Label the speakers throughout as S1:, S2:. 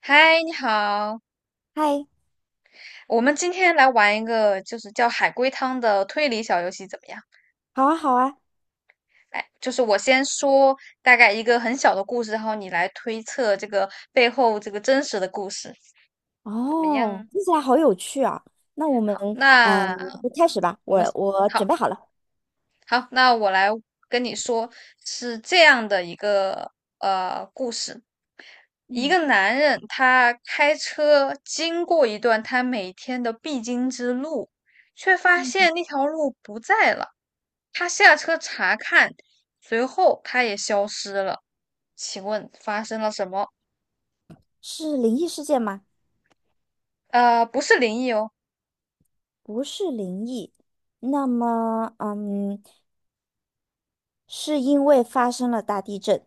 S1: 嗨，你好，
S2: 嗨，
S1: 我们今天来玩一个就是叫海龟汤的推理小游戏，怎么样？
S2: 好啊，好啊。
S1: 来，就是我先说大概一个很小的故事，然后你来推测这个背后这个真实的故事，怎么
S2: 哦，
S1: 样？
S2: 听起来好有趣啊。那我们
S1: 好，
S2: 呃，
S1: 那
S2: 就开始吧。
S1: 我
S2: 我
S1: 们
S2: 我
S1: 好
S2: 准备好了。
S1: 好，那我来跟你说，是这样的一个故事，一
S2: 嗯。
S1: 个男人他开车经过一段他每天的必经之路，却发
S2: 嗯，
S1: 现那条路不在了。他下车查看，随后他也消失了。请问发生了什么？
S2: 是灵异事件吗？
S1: 不是灵异哦。
S2: 不是灵异。那么，嗯，是因为发生了大地震，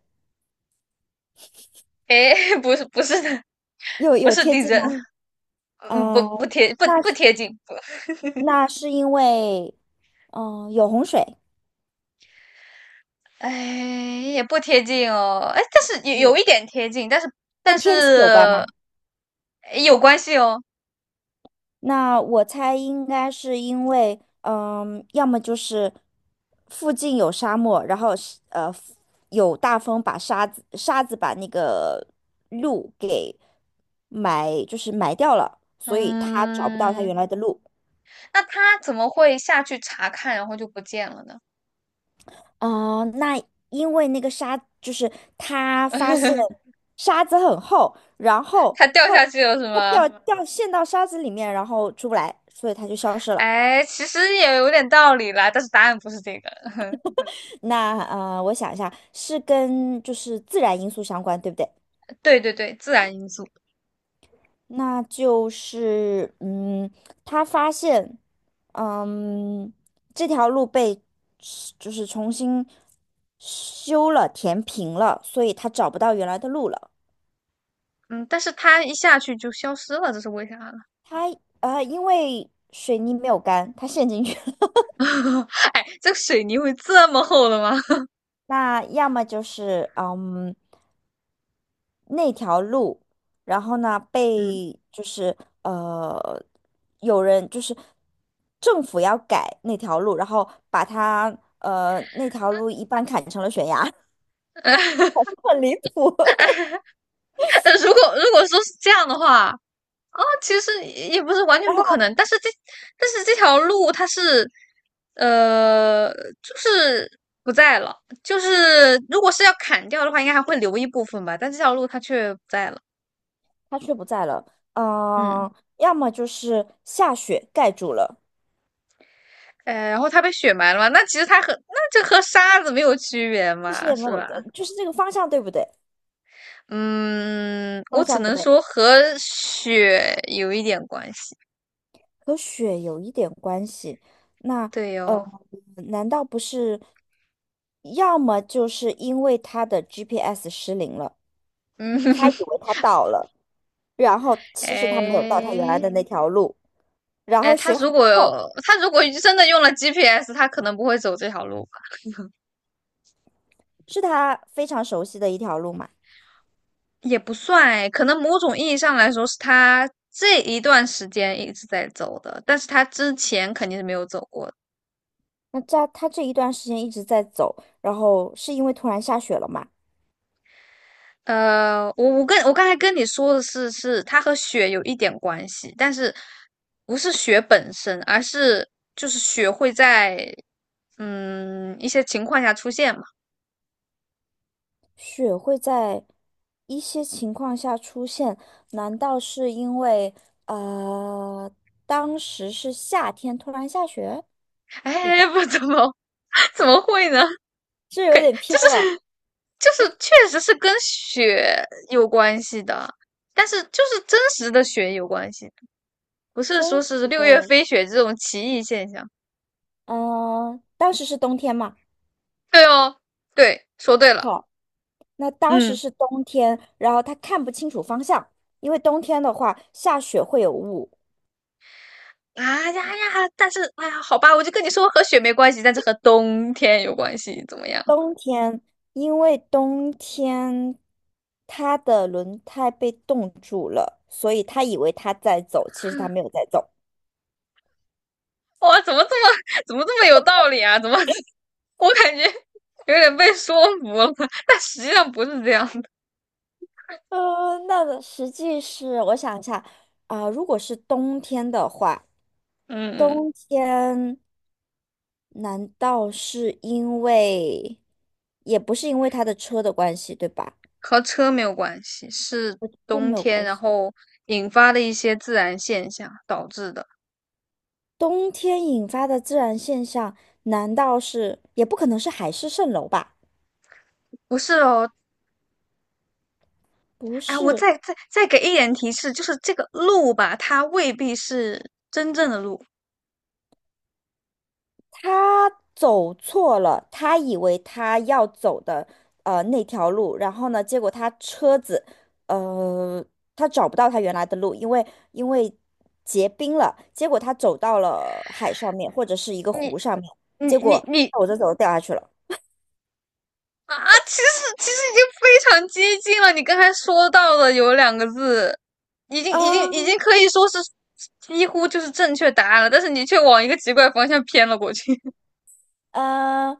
S1: 诶，不是，不是的，
S2: 有
S1: 不
S2: 有
S1: 是
S2: 贴
S1: 地
S2: 近
S1: 震。
S2: 吗？
S1: 嗯，不
S2: 呃，
S1: 不贴不
S2: 那
S1: 不
S2: 是
S1: 贴近，不。
S2: 因为，嗯、有洪水，
S1: 哎，也不贴近哦。哎，但是有一
S2: 有
S1: 点贴近，但是但
S2: 跟天气有关
S1: 是
S2: 吗？
S1: 诶有关系哦。
S2: 那我猜应该是因为，嗯，要么就是附近有沙漠，然后是有大风把沙子把那个路给埋，就是埋掉了，所以他找不到他
S1: 嗯。
S2: 原来的路。
S1: 那他怎么会下去查看，然后就不见了呢？
S2: 啊、那因为那个沙就是他发现 沙子很厚，然后
S1: 他掉
S2: 后
S1: 下
S2: 来
S1: 去了是
S2: 他
S1: 吗？
S2: 陷到沙子里面，然后出不来，所以他就消失了。
S1: 哎，其实也有点道理啦，但是答案不是这个。
S2: 那我想一下，是跟就是自然因素相关，对不对？
S1: 对对对，自然因素。
S2: 那就是嗯，他发现嗯这条路被就是重新修了，填平了，所以他找不到原来的路了。
S1: 嗯，但是他一下去就消失了，这是为啥呢？
S2: 他因为水泥没有干，他陷进去了。
S1: 哎，这个水泥会这么厚的吗？
S2: 那要么就是嗯。那条路，然后呢
S1: 嗯，
S2: 被就是呃有人就是政府要改那条路，然后把它那条路一半砍成了悬崖。很离谱。
S1: 如果说是这样的话，其实也不是完全
S2: 然
S1: 不可能，
S2: 后
S1: 但是这条路它是呃，就是不在了，就是如果是要砍掉的话，应该还会留一部分吧，但这条路它却不在了。
S2: 它却不在了，
S1: 嗯。
S2: 嗯、要么就是下雪盖住了，
S1: 哎，然后它被雪埋了嘛？那其实它这和沙子没有区别
S2: 但是
S1: 嘛，
S2: 也没
S1: 是
S2: 有
S1: 吧？
S2: 的，就是这个方向对不对？
S1: 嗯，我
S2: 方
S1: 只
S2: 向不
S1: 能
S2: 对。
S1: 说和雪有一点关系。
S2: 和雪有一点关系。那
S1: 对哟、
S2: 呃，
S1: 哦。
S2: 难道不是？要么就是因为他的 GPS 失灵了，
S1: 嗯。
S2: 他以 为他到了，然后其实他没有到他原来
S1: 哎，
S2: 的那条路，然
S1: 哎，
S2: 后
S1: 他
S2: 雪很
S1: 如果
S2: 厚，
S1: 他如果真的用了 GPS，他可能不会走这条路吧？
S2: 是他非常熟悉的一条路嘛。
S1: 也不算哎，可能某种意义上来说是他这一段时间一直在走的，但是他之前肯定是没有走过的。
S2: 那这他这一段时间一直在走，然后是因为突然下雪了嘛？
S1: 我刚才跟你说的是，是它和雪有一点关系，但是不是雪本身，而是就是雪会在一些情况下出现嘛。
S2: 雪会在一些情况下出现，难道是因为呃当时是夏天突然下雪？也不
S1: 哎，不怎么 怎么会呢？
S2: 这有
S1: 给
S2: 点
S1: 就
S2: 偏了。
S1: 是就是确实是跟雪有关系的，但是就是真实的雪有关系，不是
S2: 真
S1: 说是
S2: 实
S1: 六月
S2: 的，
S1: 飞雪这种奇异现象。
S2: 嗯、当时是冬天嘛？
S1: 对哦，对，说对了。
S2: 好，那当时
S1: 嗯。
S2: 是冬天，然后他看不清楚方向，因为冬天的话下雪会有雾。
S1: 啊呀哎呀！但是哎呀，好吧，我就跟你说和雪没关系，但是和冬天有关系，怎么样？
S2: 冬天，因为冬天它的轮胎被冻住了，所以他以为他在走，其实他没有在走。
S1: 哇，怎么这么有道理啊？怎么 我感觉有点被说服了？但实际上不是这样的。
S2: 呃，那个实际是，我想一下，啊、如果是冬天的话，
S1: 嗯嗯。
S2: 冬天难道是因为，也不是因为他的车的关系，对吧？
S1: 和车没有关系，是
S2: 都
S1: 冬
S2: 没有
S1: 天，
S2: 关
S1: 然
S2: 系。
S1: 后引发的一些自然现象导致的。
S2: 冬天引发的自然现象，难道是，也不可能是海市蜃楼吧？
S1: 不是哦。
S2: 不
S1: 哎，我
S2: 是，
S1: 再给一点提示，就是这个路吧，它未必是真正的路。
S2: 他走错了，他以为他要走的那条路，然后呢，结果他车子呃他找不到他原来的路，因为结冰了，结果他走到了海上面或者是一个
S1: 你
S2: 湖上面，结
S1: 你你
S2: 果
S1: 你
S2: 走着走着掉下去了。
S1: 啊，其实已经非常接近了。你刚才说到的有两个字，
S2: 啊，
S1: 已经可以说是几乎就是正确答案了，但是你却往一个奇怪方向偏了过去。
S2: 呃，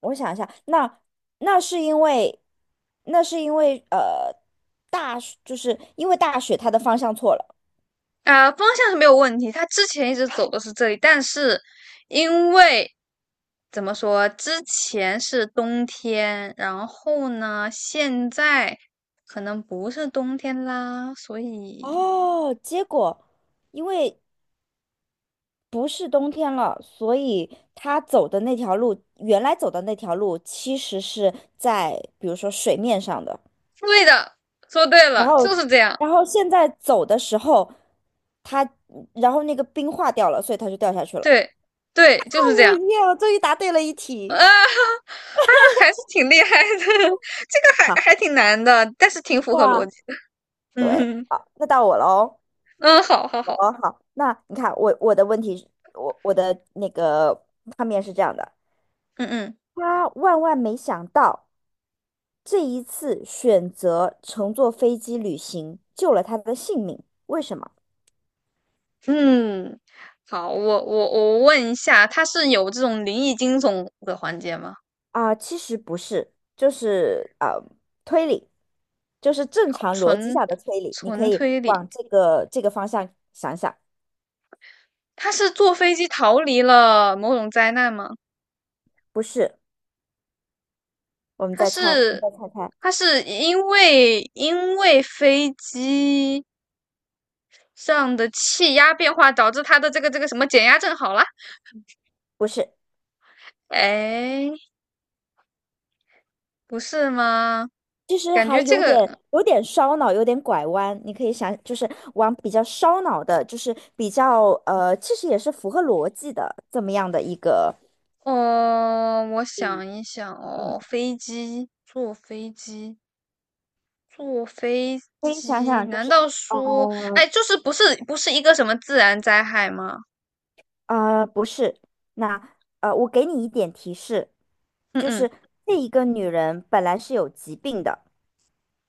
S2: 我想一下，那那是因为那是因为呃大就是因为大雪它的方向错了。
S1: 啊、方向是没有问题，他之前一直走的是这里，但是因为怎么说，之前是冬天，然后呢，现在可能不是冬天啦，所以
S2: 哦，结果因为不是冬天了，所以他走的那条路，原来走的那条路，其实是在比如说水面上的，
S1: 对的，说对
S2: 然
S1: 了，就
S2: 后，
S1: 是这样。
S2: 然后现在走的时候，他，然后那个冰化掉了，所以他就掉下去了。
S1: 对对，就是这
S2: 哦
S1: 样。
S2: 耶！我终于答对了一
S1: 啊
S2: 题。
S1: 啊，还是挺厉害的，这个还
S2: 好，
S1: 还挺难的，但是挺符合逻
S2: 哇，
S1: 辑的。
S2: 对，
S1: 嗯嗯。
S2: 好，那到我喽，
S1: 嗯，好好
S2: 我
S1: 好，
S2: 喽，好，那你看我的问题是，我的那个画面是这样的，
S1: 嗯嗯。
S2: 他万万没想到。这一次选择乘坐飞机旅行救了他的性命，为什么？
S1: 嗯，好，我问一下，它是有这种灵异惊悚的环节吗？
S2: 啊、其实不是，就是推理，就是正
S1: 好，
S2: 常逻辑
S1: 纯
S2: 下的推理，你可
S1: 纯
S2: 以
S1: 推理，
S2: 往这个这个方向想想，
S1: 他是坐飞机逃离了某种灾难吗？
S2: 不是，我们
S1: 他
S2: 再猜，你
S1: 是
S2: 再猜猜，
S1: 他是因为飞机上的气压变化导致他的这个什么减压症好了？
S2: 不是，
S1: 哎，不是吗？
S2: 其实
S1: 感
S2: 还
S1: 觉这
S2: 有
S1: 个
S2: 点有点烧脑，有点拐弯，你可以想，就是往比较烧脑的，就是比较其实也是符合逻辑的这么样的一个。
S1: 哦，我
S2: 嗯。
S1: 想一想哦，飞机坐飞机。坐飞
S2: 可以想
S1: 机？
S2: 想，就
S1: 难
S2: 是，
S1: 道说，哎，
S2: 呃
S1: 就是不是一个什么自然灾害吗？
S2: 不是，那我给你一点提示，
S1: 嗯
S2: 就
S1: 嗯，
S2: 是这一个女人本来是有疾病的，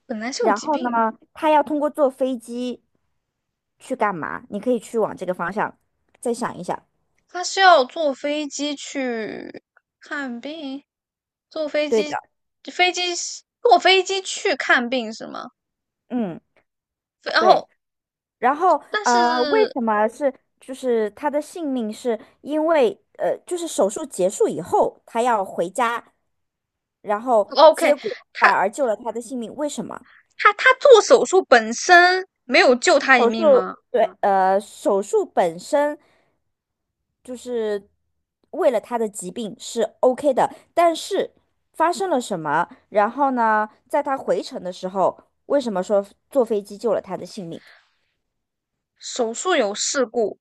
S1: 本来是有
S2: 然
S1: 疾
S2: 后
S1: 病，
S2: 呢，她要通过坐飞机去干嘛？你可以去往这个方向再想一想。
S1: 他是要坐飞机去看病，坐飞
S2: 对的，
S1: 机，飞机是坐飞机去看病是吗？
S2: 嗯，
S1: 飞然
S2: 对。
S1: 后，
S2: 然后
S1: 但
S2: 为
S1: 是
S2: 什么是就是她的性命是因为就是手术结束以后，她要回家，然后
S1: 哦， OK，
S2: 结果反
S1: 他
S2: 而救了她的性命，为什么？
S1: 他他做手术本身没有救他一
S2: 手术，
S1: 命吗？
S2: 对，手术本身就是为了他的疾病是 OK 的，但是发生了什么？然后呢，在他回程的时候，为什么说坐飞机救了他的性命？
S1: 手术有事故，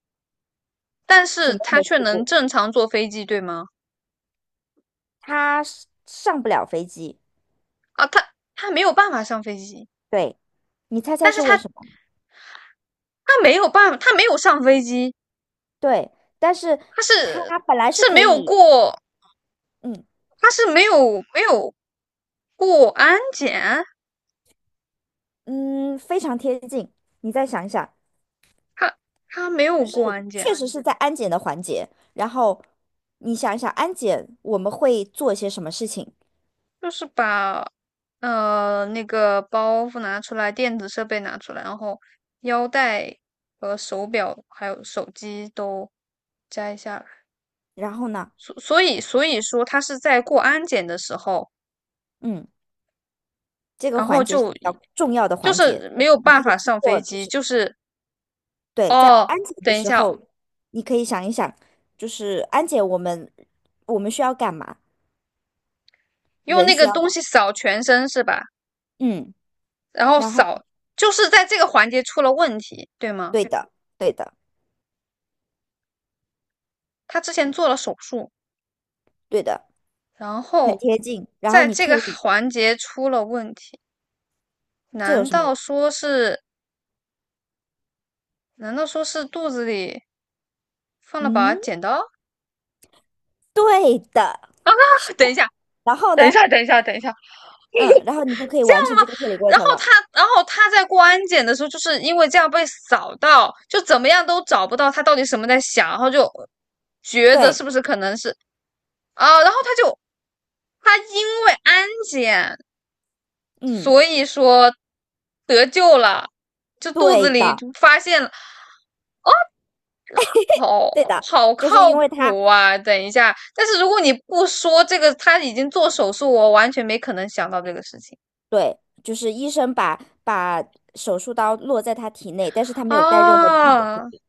S1: 但
S2: 什
S1: 是
S2: 么样
S1: 他
S2: 的
S1: 却
S2: 事
S1: 能
S2: 故？
S1: 正常坐飞机，对吗？
S2: 他是上不了飞机，
S1: 啊，他没有办法上飞机。
S2: 对，你猜猜
S1: 但是
S2: 是为
S1: 他
S2: 什么？
S1: 他没有办法，他没有上飞机，
S2: 对，但是
S1: 他
S2: 他
S1: 是
S2: 本来是
S1: 是没
S2: 可
S1: 有
S2: 以，
S1: 过，
S2: 嗯
S1: 他是没有过安检，
S2: 嗯，非常贴近，你再想一想，
S1: 他他没有
S2: 就
S1: 过
S2: 是
S1: 安检，
S2: 确实是在安检的环节，然后你想一想，安检我们会做一些什么事情？
S1: 就是把那个包袱拿出来，电子设备拿出来，然后腰带和手表还有手机都摘下来，
S2: 然后呢，
S1: 所以说他是在过安检的时候，
S2: 嗯，这个
S1: 然后
S2: 环节是
S1: 就
S2: 比较重要的
S1: 就
S2: 环节，
S1: 是没有
S2: 你可
S1: 办
S2: 以
S1: 法
S2: 通
S1: 上
S2: 过
S1: 飞
S2: 就
S1: 机，
S2: 是
S1: 就是
S2: 对，在
S1: 哦。
S2: 安检的
S1: 等一
S2: 时
S1: 下，
S2: 候，你可以想一想，就是安检我们需要干嘛？
S1: 用
S2: 人
S1: 那
S2: 需
S1: 个
S2: 要干
S1: 东
S2: 嘛，
S1: 西扫全身是吧？
S2: 嗯，
S1: 然后
S2: 然后
S1: 扫就是在这个环节出了问题，对吗？
S2: 对的，对的，
S1: 他之前做了手术，
S2: 对的，
S1: 然
S2: 很
S1: 后
S2: 贴近。然后
S1: 在
S2: 你
S1: 这个
S2: 推理，
S1: 环节出了问题，
S2: 这有
S1: 难
S2: 什
S1: 道
S2: 么？
S1: 说是？难道说是肚子里放了
S2: 嗯，
S1: 把剪刀？
S2: 对的，是
S1: 等一
S2: 的。
S1: 下，
S2: 然后呢？
S1: 等一下。
S2: 嗯，然后你就可以完成这个推理过
S1: 然后
S2: 程了。
S1: 他，然后他在过安检的时候，就是因为这样被扫到，就怎么样都找不到他到底什么在想，然后就觉得
S2: 对，
S1: 是不是可能是啊，然后他就他因为安检，
S2: 嗯，
S1: 所以说得救了，就肚
S2: 对
S1: 子里
S2: 的，
S1: 就发现了。好
S2: 对的，
S1: 好
S2: 就
S1: 靠
S2: 是因为他，
S1: 谱啊！等一下，但是如果你不说这个，他已经做手术，我完全没可能想到这个事情。
S2: 对，就是医生把把手术刀落在他体内，但是他没有带任何金属制
S1: 啊
S2: 品，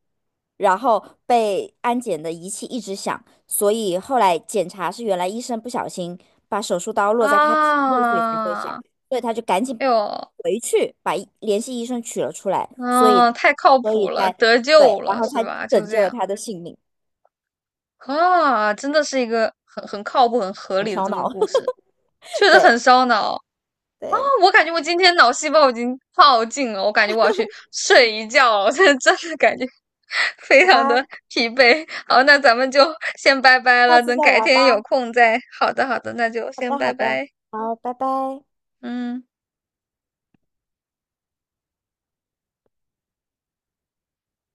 S2: 然后被安检的仪器一直响，所以后来检查是原来医生不小心把手术刀落在他体内，所以才会响，
S1: 啊！
S2: 所以他就赶紧
S1: 哎呦，
S2: 回去把医联系医生取了出来，
S1: 嗯、
S2: 所以
S1: 啊太靠谱了，
S2: 在
S1: 得
S2: 对，
S1: 救
S2: 然
S1: 了
S2: 后
S1: 是
S2: 才
S1: 吧？就
S2: 拯
S1: 这
S2: 救了
S1: 样
S2: 他的性命，
S1: 啊，真的是一个很靠谱、很合
S2: 很
S1: 理的
S2: 烧
S1: 这么个
S2: 脑，
S1: 故事，确 实
S2: 对。
S1: 很烧脑。
S2: 对，
S1: 我感觉我今天脑细胞已经耗尽了，我感觉我要去睡一觉了。我现在真的感觉 非
S2: 好
S1: 常
S2: 吧，
S1: 的疲惫。好，那咱们就先拜拜
S2: 下
S1: 了，
S2: 次
S1: 等
S2: 再
S1: 改
S2: 玩
S1: 天有
S2: 吧。
S1: 空再。好的，好的，那就
S2: 好
S1: 先
S2: 的，
S1: 拜
S2: 好的，
S1: 拜。
S2: 好，拜拜。
S1: 嗯。